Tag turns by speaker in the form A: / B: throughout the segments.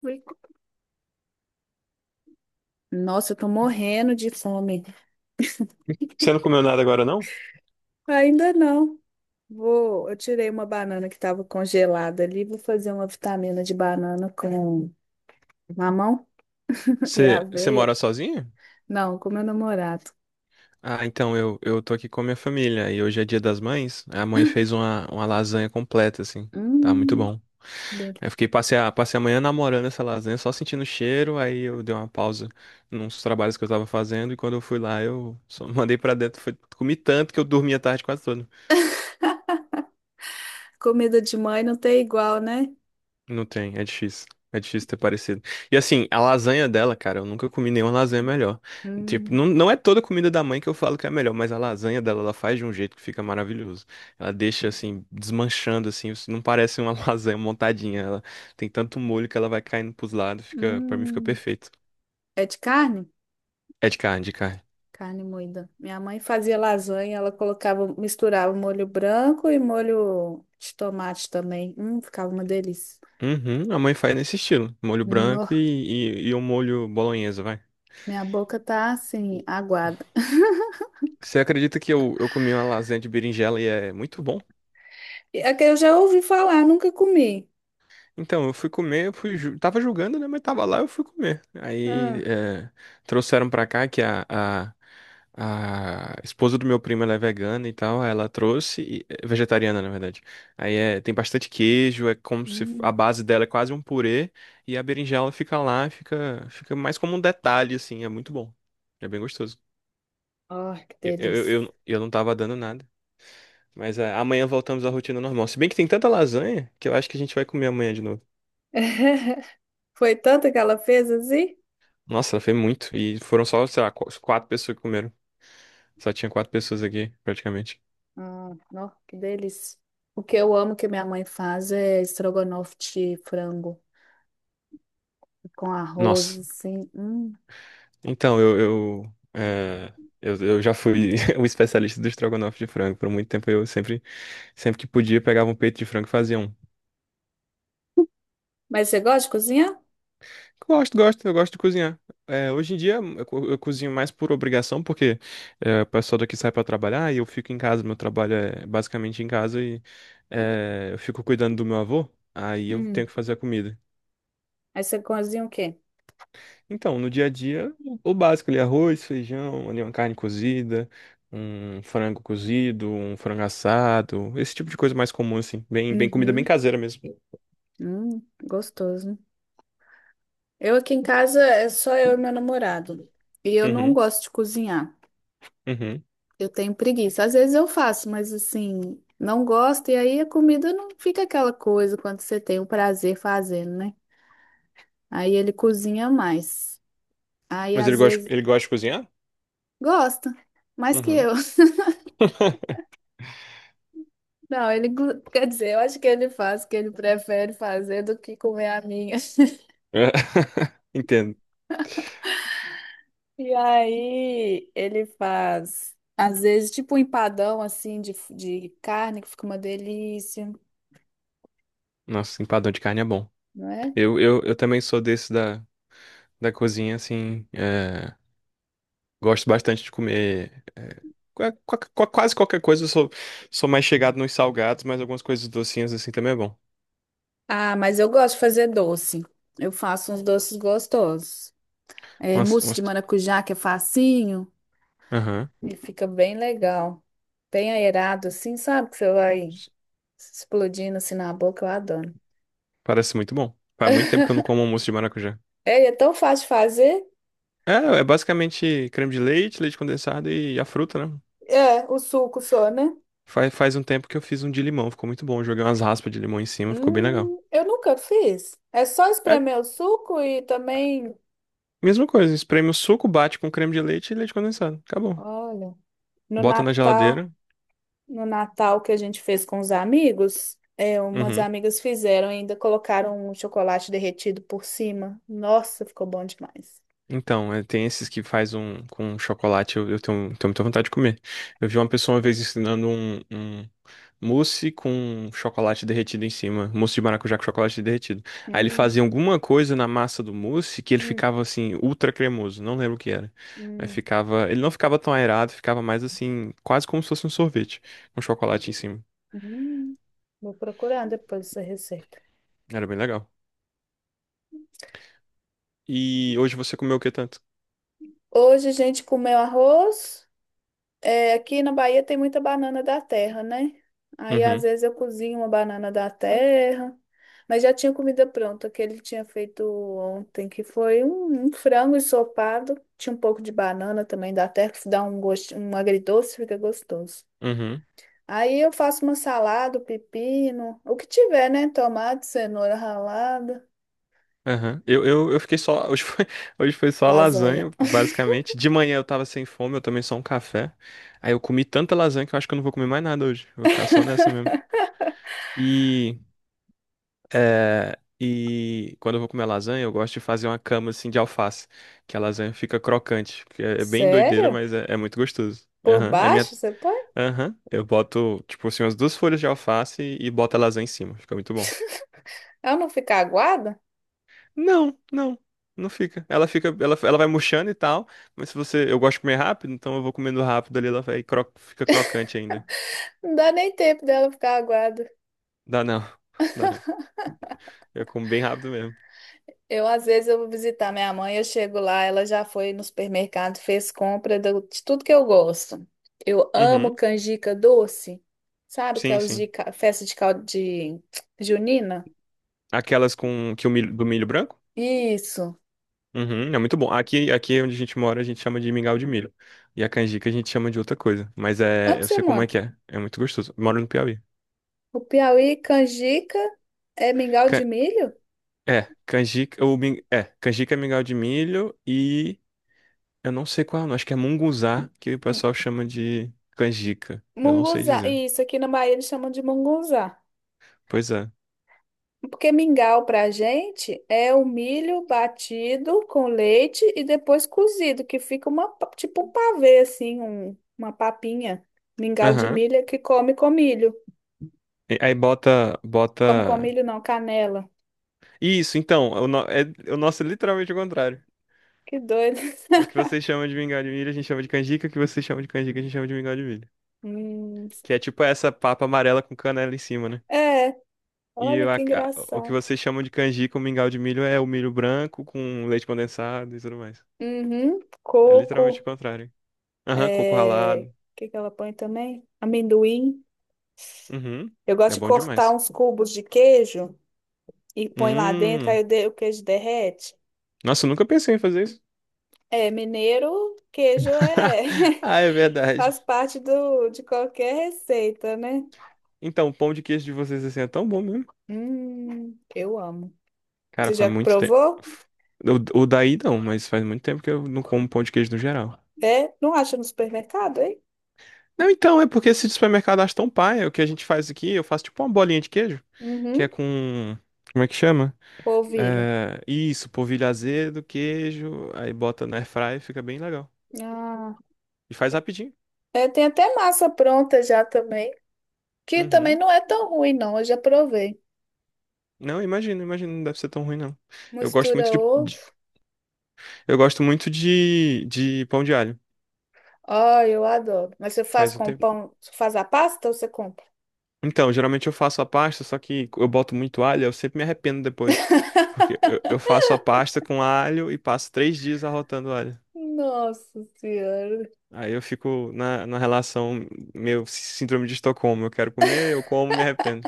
A: Fui- Nossa, eu tô morrendo de fome.
B: Você não comeu nada agora, não?
A: Ainda não. Eu tirei uma banana que tava congelada ali, vou fazer uma vitamina de banana com mamão e
B: Você
A: aveia.
B: mora sozinho?
A: Não, com meu namorado.
B: Ah, então eu tô aqui com a minha família e hoje é Dia das Mães. A mãe fez uma lasanha completa, assim. Tá muito
A: Hum,
B: bom.
A: dele.
B: Aí eu fiquei, passei a manhã namorando essa lasanha, só sentindo o cheiro. Aí eu dei uma pausa nos trabalhos que eu tava fazendo e quando eu fui lá, eu só mandei pra dentro. Comi tanto que eu dormi a tarde quase toda.
A: Comida de mãe não tem igual, né?
B: Não tem, é difícil. É difícil ter parecido. E assim, a lasanha dela, cara, eu nunca comi nenhuma lasanha melhor. Tipo,
A: Hum,
B: não é toda comida da mãe que eu falo que é a melhor, mas a lasanha dela, ela faz de um jeito que fica maravilhoso. Ela deixa, assim, desmanchando, assim, isso não parece uma lasanha montadinha. Ela tem tanto molho que ela vai caindo pros lados, fica, pra mim fica
A: hum.
B: perfeito.
A: É de carne?
B: É de carne, de carne.
A: Carne moída. Minha mãe fazia lasanha, ela colocava, misturava molho branco e molho de tomate também. Ficava uma delícia.
B: Uhum, a mãe faz nesse estilo. Molho
A: No
B: branco e um molho bolonhesa, vai.
A: Minha boca tá assim, aguada.
B: Você acredita que eu comi uma lasanha de berinjela e é muito bom?
A: É que eu já ouvi falar, nunca comi.
B: Então, eu fui comer, eu fui, tava julgando, né? Mas tava lá, eu fui comer. Aí
A: Ah,
B: é, trouxeram pra cá a esposa do meu primo, ela é vegana e tal, aí ela trouxe, é vegetariana, na verdade. Aí é, tem bastante queijo, é como se f- a
A: hum.
B: base dela é quase um purê, e a berinjela fica lá, fica mais como um detalhe, assim, é muito bom. É bem gostoso.
A: Ai, que
B: Eu, eu,
A: delícia.
B: eu, eu não tava dando nada. Mas é, amanhã voltamos à rotina normal. Se bem que tem tanta lasanha que eu acho que a gente vai comer amanhã de novo.
A: Foi tanta que ela fez assim?
B: Nossa, foi muito. E foram só, sei lá, quatro pessoas que comeram. Só tinha quatro pessoas aqui, praticamente.
A: Ah, nó, que delícia. O que eu amo que minha mãe faz é estrogonofe de frango com arroz,
B: Nossa.
A: assim. Hum.
B: Então, eu já fui o especialista do estrogonofe de frango. Por muito tempo, sempre que podia, pegava um peito de frango e fazia um.
A: Mas você gosta de cozinhar?
B: Gosto, gosto, eu gosto de cozinhar. É, hoje em dia, eu cozinho mais por obrigação, porque é, o pessoal daqui sai pra trabalhar e eu fico em casa. Meu trabalho é basicamente em casa e é, eu fico cuidando do meu avô. Aí eu
A: Hum.
B: tenho que fazer a comida.
A: Aí você cozinha o quê?
B: Então, no dia a dia, o básico ali, arroz, feijão, ali uma carne cozida, um frango cozido, um frango assado, esse tipo de coisa mais comum, assim, bem comida bem
A: Uhum.
B: caseira mesmo.
A: Gostoso. Eu aqui em casa é só eu e meu namorado. E eu não
B: Uhum,
A: gosto de cozinhar.
B: uhum.
A: Eu tenho preguiça. Às vezes eu faço, mas assim, não gosto, e aí a comida não fica aquela coisa quando você tem o prazer fazendo, né? Aí ele cozinha mais. Aí
B: Mas
A: às vezes
B: ele gosta de cozinhar?
A: gosta, mais que
B: Uhum.
A: eu. Não, quer dizer, eu acho que ele faz o que ele prefere fazer do que comer a minha.
B: É. Entendo.
A: E aí ele faz, às vezes, tipo um empadão assim de carne, que fica uma delícia,
B: Nossa, empadão de carne é bom.
A: não é?
B: Eu também sou desse da, da cozinha, assim, é, gosto bastante de comer quase qualquer coisa, sou mais chegado nos salgados, mas algumas coisas docinhas, assim, também é bom.
A: Ah, mas eu gosto de fazer doce. Eu faço uns doces gostosos. É,
B: Umas,
A: mousse de
B: umas
A: maracujá, que é facinho,
B: Aham.
A: e fica bem legal. Bem aerado, assim, sabe? Que você vai explodindo assim na boca, eu adoro.
B: Parece muito bom. Faz muito tempo que eu não como almoço de maracujá.
A: É, e é tão fácil de fazer.
B: É, é basicamente creme de leite, leite condensado e a fruta, né?
A: É, o suco só, né?
B: Faz, faz um tempo que eu fiz um de limão, ficou muito bom. Joguei umas raspas de limão em cima, ficou bem legal.
A: Eu nunca fiz. É só
B: É,
A: espremer o suco e também,
B: mesma coisa, espreme o suco, bate com creme de leite e leite condensado. Acabou.
A: olha, no
B: Bota na
A: Natal.
B: geladeira.
A: No Natal que a gente fez com os amigos, é, umas
B: Uhum.
A: amigas fizeram e ainda colocaram um chocolate derretido por cima. Nossa, ficou bom demais.
B: Então, é, tem esses que faz um com chocolate, eu tenho, tenho muita vontade de comer. Eu vi uma pessoa uma vez ensinando um mousse com chocolate derretido em cima. Mousse de maracujá com chocolate derretido. Aí ele
A: Hum,
B: fazia alguma coisa na massa do mousse que ele
A: hum,
B: ficava assim, ultra cremoso. Não lembro o que era. Mas
A: hum,
B: ficava. Ele não ficava tão aerado, ficava mais assim, quase como se fosse um sorvete, com chocolate em cima.
A: hum. Vou procurar depois essa receita.
B: Era bem legal. E hoje você comeu o que tanto?
A: Hoje a gente comeu arroz. É, aqui na Bahia tem muita banana da terra, né? Aí às
B: Uhum,
A: vezes eu cozinho uma banana da terra, mas já tinha comida pronta que ele tinha feito ontem, que foi um frango ensopado, tinha um pouco de banana também da terra, que dá um gosto, um agridoce, fica gostoso.
B: uhum.
A: Aí eu faço uma salada, pepino, o que tiver, né? Tomate, cenoura ralada,
B: Aham. Eu fiquei só. Hoje foi, hoje foi só
A: lasanha.
B: lasanha, basicamente. De manhã eu tava sem fome, eu tomei só um café. Aí eu comi tanta lasanha que eu acho que eu não vou comer mais nada hoje. Eu vou ficar só nessa mesmo. E é, e quando eu vou comer lasanha, eu gosto de fazer uma cama assim de alface, que a lasanha fica crocante, que é é bem doideira,
A: Sério?
B: mas é muito gostoso.
A: Por
B: Aham, é minha.
A: baixo você põe?
B: Aham, eu boto, tipo assim, umas duas folhas de alface e boto a lasanha em cima, fica muito bom.
A: Ela não fica aguada?
B: Não, não fica. Ela fica, ela vai murchando e tal, mas se você, eu gosto de comer rápido, então eu vou comendo rápido ali, ela vai, fica crocante ainda.
A: Não dá nem tempo dela ficar aguada.
B: Dá não, dá não. Eu como bem rápido mesmo.
A: Eu, às vezes, eu vou visitar minha mãe, eu chego lá, ela já foi no supermercado, fez compra de tudo que eu gosto. Eu amo
B: Uhum,
A: canjica doce, sabe? Que é
B: sim,
A: os
B: sim.
A: festa de caldo de junina.
B: Aquelas com que o milho, do milho branco?
A: Isso.
B: Uhum, é muito bom. Aqui onde a gente mora, a gente chama de mingau de milho. E a canjica a gente chama de outra coisa. Mas é,
A: Onde
B: eu
A: você
B: sei como
A: mora?
B: é que é. É muito gostoso. Eu moro no Piauí.
A: O Piauí, canjica, é mingau de
B: Can-
A: milho?
B: É, canjica, é, canjica é mingau de milho e eu não sei qual é o nome. Acho que é munguzá, que o
A: Hum,
B: pessoal chama de canjica. Eu não sei
A: Munguzá.
B: dizer.
A: Isso, aqui na Bahia eles chamam de munguzá.
B: Pois é.
A: Porque mingau para a gente é o milho batido com leite e depois cozido, que fica tipo um pavê, assim, uma papinha. Mingau de
B: Aham.
A: milho é que come com milho.
B: E aí bota, bota.
A: Come com milho não, canela.
B: Isso, então, o no- é, o nosso é literalmente o contrário.
A: Que doido.
B: O que vocês chamam de mingau de milho, a gente chama de canjica. O que vocês chamam de canjica, a gente chama de mingau de milho.
A: Hum,
B: Que é tipo essa papa amarela com canela em cima, né?
A: é,
B: E
A: olha que
B: o que
A: engraçado.
B: vocês chamam de canjica, o mingau de milho, é o milho branco com leite condensado e tudo mais.
A: Uhum,
B: É literalmente o
A: coco,
B: contrário. Aham, coco
A: é,
B: ralado.
A: o que que ela põe também? Amendoim.
B: Uhum.
A: Eu
B: É
A: gosto de
B: bom
A: cortar
B: demais.
A: uns cubos de queijo e põe lá dentro,
B: Hum.
A: aí o queijo derrete.
B: Nossa, eu nunca pensei em fazer isso.
A: É, mineiro, queijo é
B: Ah, é verdade.
A: faz parte do, de qualquer receita, né?
B: Então, o pão de queijo de vocês assim é tão bom mesmo.
A: Eu amo. Você
B: Cara, faz
A: já
B: muito tempo.
A: provou?
B: O daí não, mas faz muito tempo que eu não como pão de queijo no geral.
A: É, não acha no supermercado, hein?
B: Não, então, é porque esse de supermercado acha tão paia. O que a gente faz aqui, eu faço tipo uma bolinha de queijo, que é
A: Uhum,
B: com. Como é que chama?
A: polvilho.
B: É, isso, polvilho azedo, queijo, aí bota na airfryer, fica bem legal.
A: Ah,
B: E faz rapidinho.
A: é, tem até massa pronta já também, que também
B: Uhum.
A: não é tão ruim, não. Eu já provei.
B: Não, imagina, imagina, não deve ser tão ruim, não. Eu gosto
A: Mistura
B: muito
A: ovo.
B: eu gosto muito de pão de alho.
A: Ai, eu adoro. Mas você faz
B: Faz o
A: com
B: tempo.
A: pão, você faz a pasta ou você compra?
B: Então, geralmente eu faço a pasta, só que eu boto muito alho, eu sempre me arrependo depois. Porque eu faço a pasta com alho e passo três dias arrotando alho.
A: Nossa Senhora.
B: Aí eu fico na relação meio síndrome de Estocolmo. Eu quero comer, eu como, me arrependo.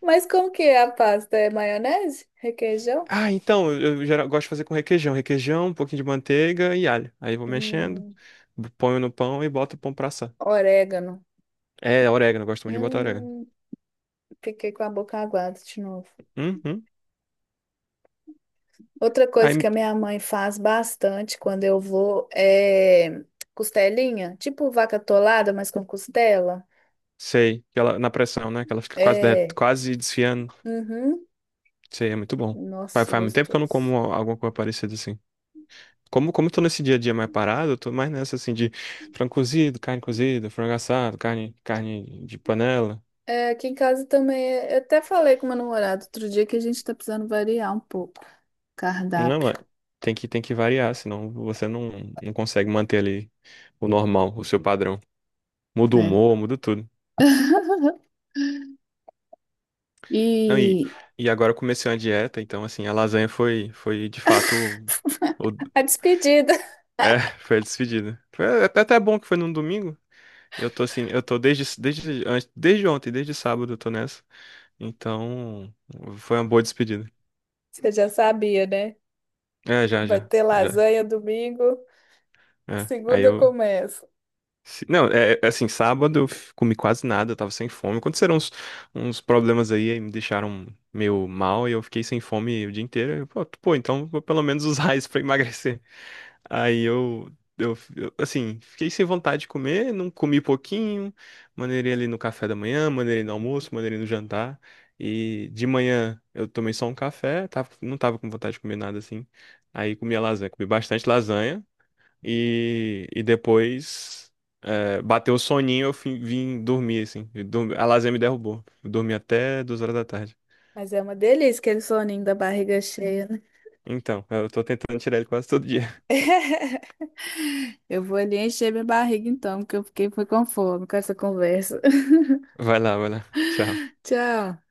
A: Mas como que é a pasta? É maionese? Requeijão?
B: Ah, então, gosto de fazer com requeijão. Requeijão, um pouquinho de manteiga e alho. Aí eu vou mexendo,
A: Hum.
B: ponho no pão e boto o pão pra assar.
A: Orégano.
B: É, orégano, eu gosto muito de botar orégano.
A: Hum, fiquei com a boca aguada de novo.
B: Uhum.
A: Outra
B: Aí
A: coisa que
B: me...
A: a minha mãe faz bastante quando eu vou é costelinha, tipo vaca atolada, mas com costela.
B: Sei, que ela, na pressão, né? Que ela fica quase,
A: É.
B: quase desfiando.
A: Uhum.
B: Sei, é muito bom. Faz,
A: Nossa,
B: faz muito tempo que eu não
A: gostoso.
B: como alguma coisa parecida assim. Como eu tô nesse dia a dia mais parado, eu tô mais nessa assim de frango cozido, carne cozida, frango assado, carne, carne de panela.
A: É, aqui em casa também, eu até falei com meu namorado outro dia que a gente tá precisando variar um pouco o
B: Não,
A: cardápio,
B: mas tem que variar, senão você não, não consegue manter ali o normal, o seu padrão. Muda o
A: né?
B: humor, muda tudo. Não,
A: E
B: e agora eu comecei uma dieta, então assim, a lasanha foi, foi de fato o, o-
A: a despedida,
B: é, foi a despedida. Foi até bom que foi num domingo. Eu tô assim, eu tô desde ontem, desde sábado eu tô nessa. Então, foi uma boa despedida.
A: você já sabia, né?
B: É, já,
A: Vai
B: já,
A: ter
B: já.
A: lasanha domingo.
B: É. Aí
A: Segunda eu
B: eu
A: começo.
B: Não, é assim, sábado eu comi quase nada, eu tava sem fome. Aconteceram uns problemas aí, aí me deixaram meio mal e eu fiquei sem fome o dia inteiro. Eu, pô, pô, então vou pelo menos usar isso pra emagrecer. Aí assim, fiquei sem vontade de comer, não comi pouquinho, maneirei ali no café da manhã, maneirei no almoço, maneirei no jantar. E de manhã eu tomei só um café, tava, não tava com vontade de comer nada assim. Aí comi a lasanha, comi bastante lasanha. E depois é, bateu o soninho, vim dormir, assim. E a lasanha me derrubou. Eu dormi até 2 horas da tarde.
A: Mas é uma delícia aquele soninho da barriga cheia, né?
B: Então, eu tô tentando tirar ele quase todo dia.
A: Eu vou ali encher minha barriga então, porque eu fiquei foi com fome com essa conversa.
B: Vai lá, vai lá. Tchau.
A: Tchau.